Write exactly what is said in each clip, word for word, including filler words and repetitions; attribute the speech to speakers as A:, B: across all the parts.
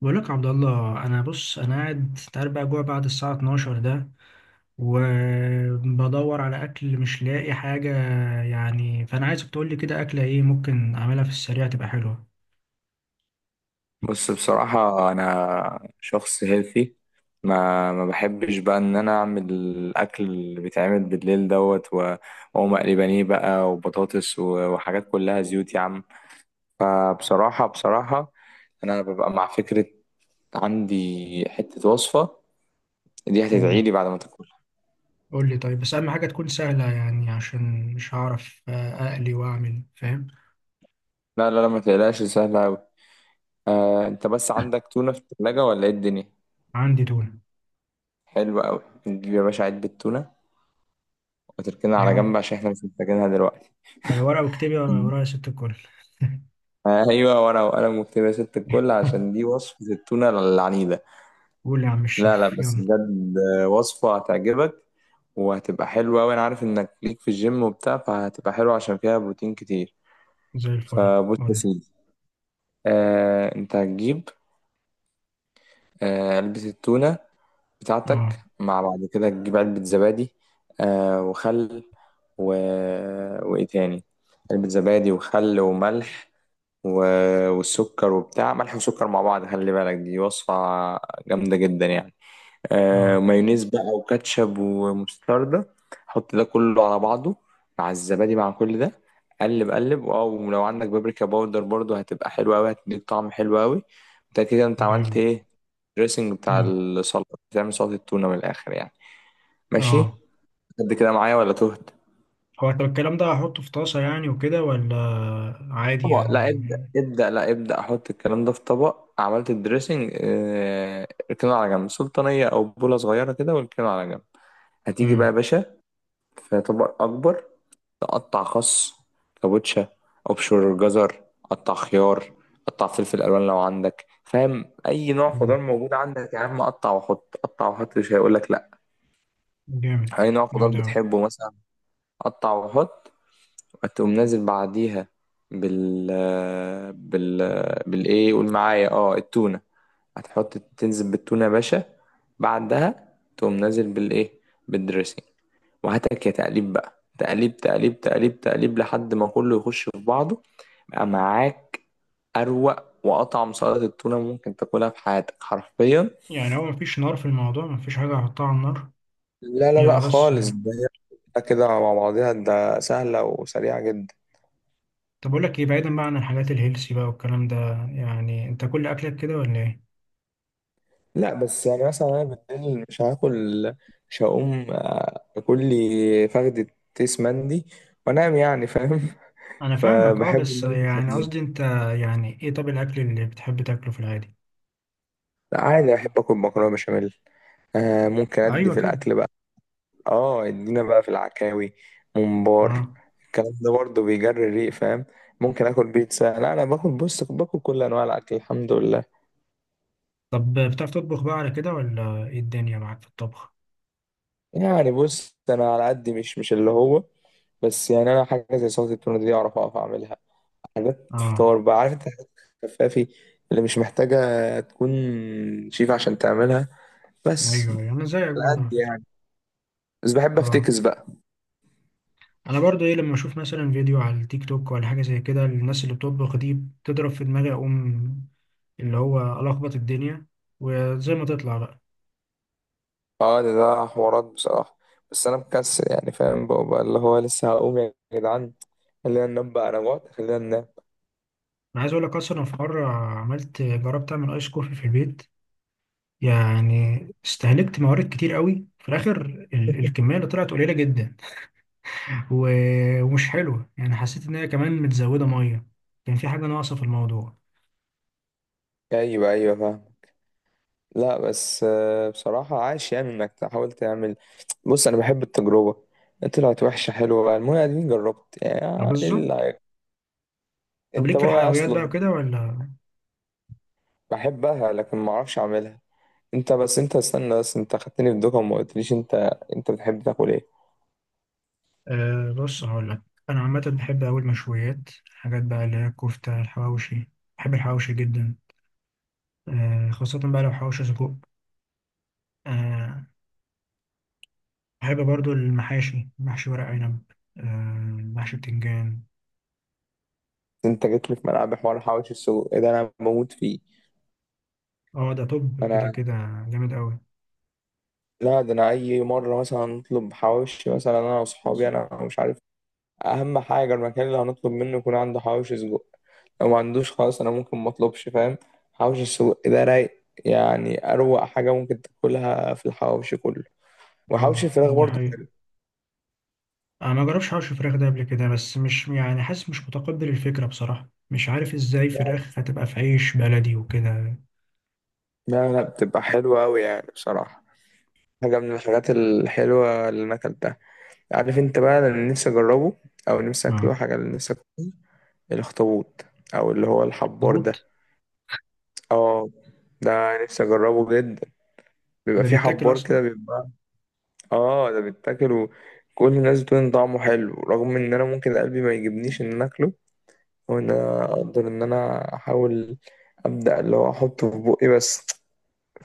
A: بقول لك يا عبد الله. انا بص انا قاعد، أنت عارف بقى جوع بعد الساعه اتناشر ده، وبدور على اكل مش لاقي حاجه. يعني فانا عايزك تقول لي كده اكله ايه ممكن اعملها في السريع تبقى حلوه.
B: بص بصراحة أنا شخص هيلثي. ما ما بحبش بقى إن أنا أعمل الأكل اللي بيتعمل بالليل دوت و- وأقوم أقلي بانيه بقى وبطاطس و- وحاجات كلها زيوت يا عم. فبصراحة بصراحة أنا ببقى مع فكرة، عندي حتة وصفة دي
A: آه.
B: هتدعيلي بعد ما تاكلها.
A: قول لي طيب، بس اهم حاجه تكون سهله يعني عشان مش هعرف آه، اقلي واعمل، فاهم؟
B: لا لا لا، ما تقلقش، سهلة أوي. آه، أنت بس عندك تونة في التلاجة ولا إيه الدنيا؟
A: عندي تونه.
B: حلو أوي، نجيب يا باشا علبة تونة وتركنها على جنب
A: ايوه.
B: عشان إحنا مش محتاجينها دلوقتي.
A: ايوه، ورقه واكتبي ورايا يا ست الكل.
B: ايوه، ورقه وقلم واكتب يا ست الكل عشان دي وصفه التونه العنيده.
A: قول يا عم
B: لا لا،
A: الشيف،
B: بس
A: يلا.
B: بجد وصفه هتعجبك وهتبقى حلوه، وانا عارف انك ليك في الجيم وبتاع فهتبقى حلوه عشان فيها بروتين كتير.
A: زي الفل،
B: فبص
A: قول
B: يا
A: لي.
B: سيدي، آه انت هتجيب آه علبه التونه بتاعتك،
A: اه.
B: مع بعد كده تجيب علبه زبادي. آه وخل و... وايه تاني، علبه زبادي وخل وملح و- والسكر وبتاع. ملح وسكر مع بعض، خلي بالك دي وصفة جامدة جدا يعني. آه
A: اه.
B: مايونيز بقى وكاتشب ومستردة، حط ده كله على بعضه مع الزبادي مع كل ده. قلب قلب، او لو عندك بابريكا باودر برضو هتبقى حلوة قوي، هتديك طعم حلو قوي. انت كده، انت عملت
A: جامد.
B: ايه؟ الدريسنج بتاع
A: مم.
B: السلطة، بتعمل سلطة التونة من الاخر يعني. ماشي،
A: اه.
B: قد كده معايا ولا تهت؟
A: هو طب الكلام ده هحطه في طاسة يعني وكده، ولا عادي
B: طبق، لا
A: يعني؟
B: ابدأ ابدأ، لا ابدأ، احط الكلام ده في طبق. عملت الدريسنج، آه، اركنه على جنب، سلطانية او بولة صغيرة كده واركنه على جنب. هتيجي بقى
A: امم
B: يا باشا في طبق اكبر، تقطع خس، كابوتشا، ابشر جزر، قطع خيار، قطع فلفل الوان لو عندك، فاهم؟ اي نوع خضار
A: أمم.
B: موجود عندك يا عم قطع وحط، قطع وحط، مش هيقول لك لا.
A: جامد.
B: اي نوع خضار
A: جامد أوي.
B: بتحبه مثلا قطع وحط. فتقوم نازل بعديها بال بال بالايه؟ قول معايا، اه، التونة. هتحط، تنزل بالتونة يا باشا، بعدها تقوم نازل بالايه؟ بالدريسنج. وهاتك يا تقليب بقى، تقليب تقليب تقليب تقليب لحد ما كله يخش في بعضه. بقى معاك أروق وأطعم سلطة التونة ممكن تاكلها في حياتك حرفيا.
A: يعني هو مفيش نار في الموضوع؟ مفيش حاجة هحطها على النار
B: لا لا
A: هي
B: لا
A: بس؟
B: خالص، ده هي كده مع بعضها، ده سهلة وسريعة جدا.
A: طب أقول لك إيه، بعيدا بقى عن الحاجات الهيلسي بقى والكلام ده، يعني أنت كل أكلك كده ولا إيه؟
B: لا، بس يعني مثلا انا بالليل مش هاكل، مش هقوم آه، اكل لي فخدة تيس مندي وانام يعني، فاهم؟
A: أنا فاهمك، أه،
B: فبحب ان
A: بس
B: انا اكل
A: يعني
B: خفيف.
A: قصدي أنت، يعني إيه طب الأكل اللي بتحب تاكله في العادي؟
B: لا عادي، بحب اكل مكرونه بشاميل، آه ممكن ادي
A: أيوه
B: في
A: كده.
B: الاكل بقى. اه، ادينا بقى في العكاوي، ممبار،
A: أه.
B: الكلام ده برضه بيجري الريق، فاهم؟ ممكن اكل بيتزا، لا انا باكل، بص باكل كل انواع الاكل الحمد لله.
A: طب بتعرف تطبخ بقى على كده ولا إيه الدنيا معاك في الطبخ؟
B: يعني بص، انا على قد، مش مش اللي هو، بس يعني انا حاجه زي سلطه التونه دي اعرف اقف اعملها، حاجات
A: أه.
B: فطار بقى، عارف انت، حاجات خفافي اللي مش محتاجة تكون شيف عشان تعملها
A: أيوه
B: بس.
A: أيوه،
B: على
A: أنا زيك برضه على
B: قد
A: فكرة.
B: يعني، بس بحب
A: أه.
B: افتكس بقى.
A: انا برضو ايه، لما اشوف مثلا فيديو على التيك توك ولا حاجه زي كده، الناس اللي بتطبخ دي بتضرب في دماغي، اقوم اللي هو الخبط الدنيا وزي ما تطلع بقى.
B: اه ده, ده حوارات بصراحة، بس انا مكسل يعني، فاهم بقى، بقى اللي هو لسه هقوم يا جدعان، خلينا ننام بقى، انا جوعت، خلينا ننام.
A: انا عايز اقول لك، اصلا أنا في مره عملت جربت اعمل ايس كوفي في البيت، يعني استهلكت موارد كتير قوي، في الاخر ال- الكميه اللي طلعت قليله جدا. و- ومش حلوه يعني، حسيت ان هي كمان متزوده ميه، كان في حاجه ناقصه في الموضوع.
B: ايوه ايوه، فاهم. لا بس آه، بصراحة عاش يعني انك تحاول تعمل. بص انا بحب التجربة، طلعت وحشة حلوة بقى، المهم اديني جربت.
A: آه،
B: يعني إيه
A: بالظبط.
B: اللي هي-
A: طب
B: انت
A: ليك في
B: بقى
A: الحلويات بقى
B: اصلا
A: وكده ولا؟
B: بحبها لكن ما اعرفش اعملها. انت بس، انت استنى بس، انت خدتني في دوكا وما قلتليش انت، انت بتحب تاكل ايه؟
A: أه بص هقول لك، انا عامه بحب أوي المشويات، الحاجات بقى اللي هي الكفته، الحواوشي. بحب الحواوشي جدا، أه، خاصه بقى لو حواوشي سجق. أه. بحب برضو المحاشي، محشي ورق عنب، أه، محشي بتنجان.
B: انت جيت لي في ملعب، حوار حواوشي السجق إيه ده، انا بموت فيه.
A: اه ده طب كده
B: انا
A: كده. جامد أوي.
B: لا ده انا اي مره مثلا نطلب حواوشي مثلا انا واصحابي،
A: ماشي.
B: انا مش عارف، اهم حاجه المكان اللي هنطلب منه يكون عنده حواوشي سجق، لو ما عندوش خلاص انا ممكن ما اطلبش، فاهم؟ حواوشي السجق ده رايق يعني، اروق حاجه ممكن تاكلها في الحواوشي كله،
A: اه
B: وحواوشي الفراخ
A: دي
B: برضه
A: حقيقة.
B: حلو.
A: انا ما جربش حوش فراخ ده قبل كده، بس مش يعني حاسس مش متقبل الفكرة بصراحة، مش عارف ازاي فراخ هتبقى في عيش بلدي وكده.
B: لا لا، بتبقى حلوه قوي يعني بصراحه، حاجة من الحاجات الحلوة اللي أنا أكلتها. عارف أنت بقى أنا اللي نفسي أجربه، أو نفسي
A: اه
B: أكله، حاجة اللي نفسي أكله، الأخطبوط، أو اللي هو الحبار ده.
A: طبوط.
B: اه، ده نفسي أجربه جدا. بيبقى
A: ده
B: فيه
A: بيتاكل
B: حبار
A: اصلا؟
B: كده بيبقى. اه ده بيتاكل، وكل الناس بتقول إن طعمه حلو، رغم إن أنا ممكن قلبي ما يجيبنيش إن أنا أكله، أو إن أنا أقدر إن أنا أحاول أبدأ اللي هو أحطه في بقي بس،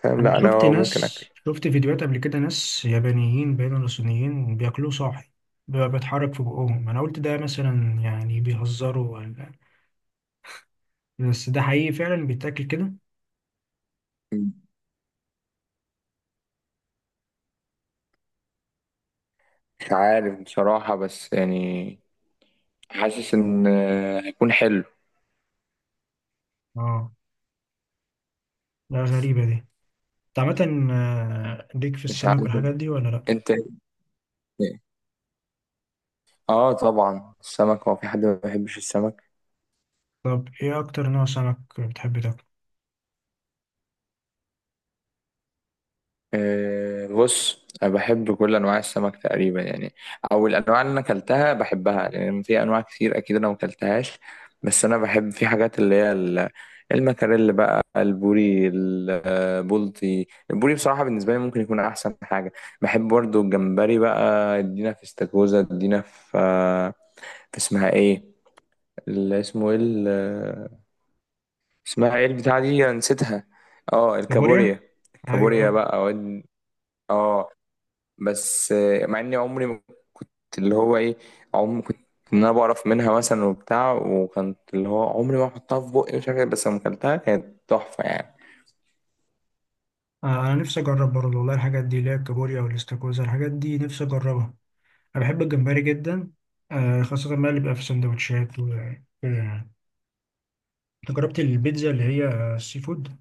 B: فاهم؟
A: انا
B: لأ
A: شفت
B: أنا
A: ناس،
B: ممكن أكله.
A: شفت فيديوهات قبل كده، ناس يابانيين باين ولا صينيين بياكلوه صاحي، بيبقى بيتحرك في بقهم، انا قلت ده مثلا يعني بيهزروا ولا بس ده حقيقي فعلا بيتاكل كده.
B: مش عارف بصراحة، بس يعني حاسس ان آه، هيكون حلو.
A: اه. لا غريبة دي. انت عامة آه، ليك في
B: مش
A: السمك
B: عارف،
A: والحاجات دي ولا لا؟
B: انت إيه؟ اه طبعا السمك، هو في حد ما بيحبش السمك؟
A: طب ايه اكتر نوع سمك بتحب تاكله؟
B: آه بص، انا بحب كل انواع السمك تقريبا يعني، او الانواع اللي انا اكلتها بحبها، لان في انواع كتير اكيد انا ما اكلتهاش. بس انا بحب في حاجات اللي هي ال- المكاريل بقى، البوري، البلطي، البوري بصراحة بالنسبة لي ممكن يكون احسن حاجة. بحب برضو الجمبري بقى. ادينا في استاكوزا، ادينا في آه، في اسمها ايه، اللي اسمه ايه، ال- اسمها ايه البتاعة دي، أنا نسيتها. اه،
A: كابوريا.
B: الكابوريا، الكابوريا
A: ايوه.
B: بقى. واد- اه، بس آه، مع اني عمري ما كنت، اللي هو ايه، عمري كنت ان انا بعرف منها مثلا وبتاع، وكانت اللي هو عمري ما احطها في بقي، مش عارف إيه، بس لما اكلتها كانت تحفة يعني.
A: آه، انا نفسي اجرب برضه والله، الحاجات دي اللي هي الكابوريا والاستاكوزا الحاجات دي نفسي اجربها. انا بحب الجمبري جدا، آه، خاصة بقى اللي بيبقى في سندوتشات وكده يعني. انت جربت البيتزا اللي هي السي فود؟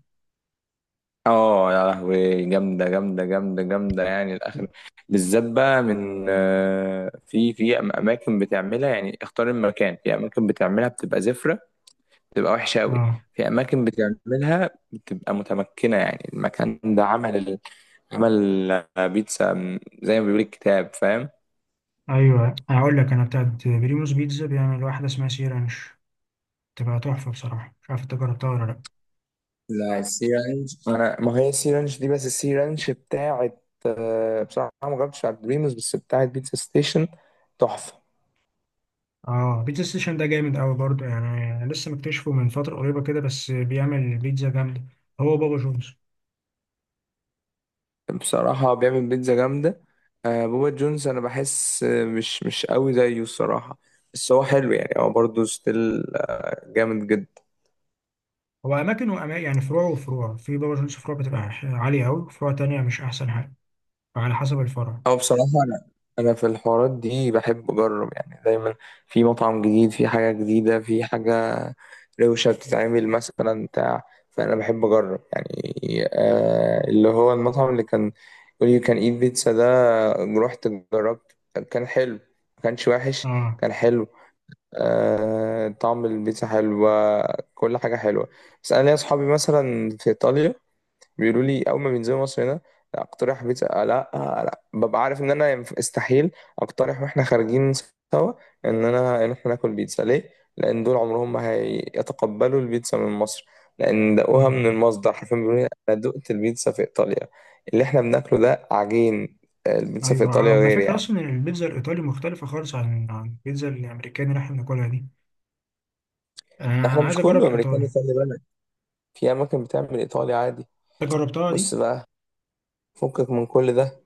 B: اه يا لهوي، جامدة جامدة جامدة جامدة يعني الآخر. بالذات بقى من آه، في في أماكن بتعملها، يعني اختار المكان، في أماكن بتعملها بتبقى زفرة، بتبقى وحشة أوي،
A: اه
B: في أماكن بتعملها بتبقى متمكنة، يعني المكان ده عمل عمل بيتزا، من- زي ما بيقول الكتاب، فاهم؟
A: ايوه، هقول لك، انا بتاعت بريموس بيتزا بيعمل واحده اسمها سي رانش، بتبقى تحفه بصراحه، مش عارف انت جربتها ولا لا.
B: لا، السي رانش أنا، ما هي السي رانش دي، بس السي رانش بتاعت آه، بصراحة ما جربتش على دريمز، بس بتاعت بيتزا ستيشن تحفة.
A: اه بيتزا ستيشن ده جامد قوي برضه، يعني لسه مكتشفه من فتره قريبه كده، بس بيعمل بيتزا جامده. هو بابا جونز،
B: بصراحة بيعمل بيتزا جامدة. آه، بوبا جونز، أنا بحس آه، مش مش قوي زيه الصراحة، بس هو حلو يعني، هو برضه ستيل آه، جامد جدا.
A: هو اماكن واماكن يعني، فروع وفروع، في بابا جونز فروع بتبقى عاليه قوي، فروع تانية مش احسن حاجه، فعلى حسب الفرع.
B: أو بصراحة أنا أنا في الحوارات دي بحب أجرب يعني دايما، في مطعم جديد، في حاجة جديدة، في حاجة روشة بتتعمل مثلا بتاع، فأنا بحب أجرب يعني. آه اللي هو المطعم اللي كان يقول you can eat pizza ده، رحت، جربت، كان حلو، ما كانش وحش،
A: اه
B: كان حلو. آه طعم البيتزا حلو، كل حاجة حلوة. بس أنا ليا أصحابي مثلا في إيطاليا بيقولوا لي اول ما بينزلوا مصر هنا لا اقترح بيتزا، آه، لا آه، آه، لا، ببقى عارف ان انا ينف- استحيل اقترح واحنا خارجين سوا ان انا ان احنا ناكل بيتزا، ليه؟ لان دول عمرهم ما هيتقبلوا البيتزا من مصر، لان دقوها من المصدر حرفيا، بيقولوا لي انا دقت البيتزا في ايطاليا، اللي احنا بناكله ده عجين. آه، البيتزا في
A: ايوه،
B: ايطاليا
A: على
B: غير
A: فكره
B: يعني.
A: اصلا البيتزا الايطالي مختلفه خالص عن عن البيتزا الامريكاني اللي احنا بناكلها دي. انا
B: احنا
A: انا عايز
B: مش
A: اجرب
B: كله امريكاني
A: الايطالي.
B: خلي بالك، في اماكن بتعمل ايطالي عادي.
A: انت جربتها
B: بص
A: دي؟
B: بقى، فكك من كل ده،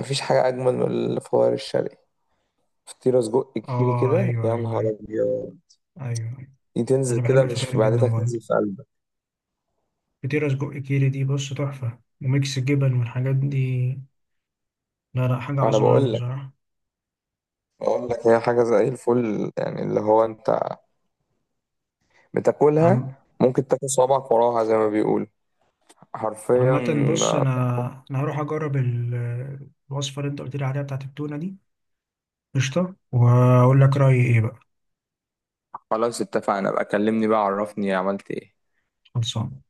B: مفيش حاجه اجمل من الفوار الشرقي، فطيرة سجق كيري
A: اه
B: كده،
A: ايوه
B: يا
A: ايوه
B: نهار
A: ايوه.
B: أبيض.
A: ايوه. أيوة.
B: دي تنزل
A: انا بحب
B: كده مش
A: الفطاير
B: في
A: جدا
B: معدتك،
A: برضه،
B: تنزل في قلبك.
A: فطيره سجق كيري دي بص تحفه، وميكس الجبن والحاجات دي، لا لا حاجه
B: وأنا
A: عظمه
B: بقول
A: قوي
B: لك،
A: بصراحه.
B: بقول لك هي حاجة زي الفل يعني، اللي هو أنت بتاكلها
A: عم.
B: ممكن تاكل صوابعك وراها زي ما بيقول، حرفيا.
A: عامة بص
B: آه،
A: أنا أنا هروح أجرب ال- الوصفة اللي أنت قلت لي عليها بتاعت التونة دي، قشطة، وأقول لك رأيي إيه بقى.
B: خلاص اتفقنا بقى، كلمني بقى عرفني عملت إيه.
A: خلصان.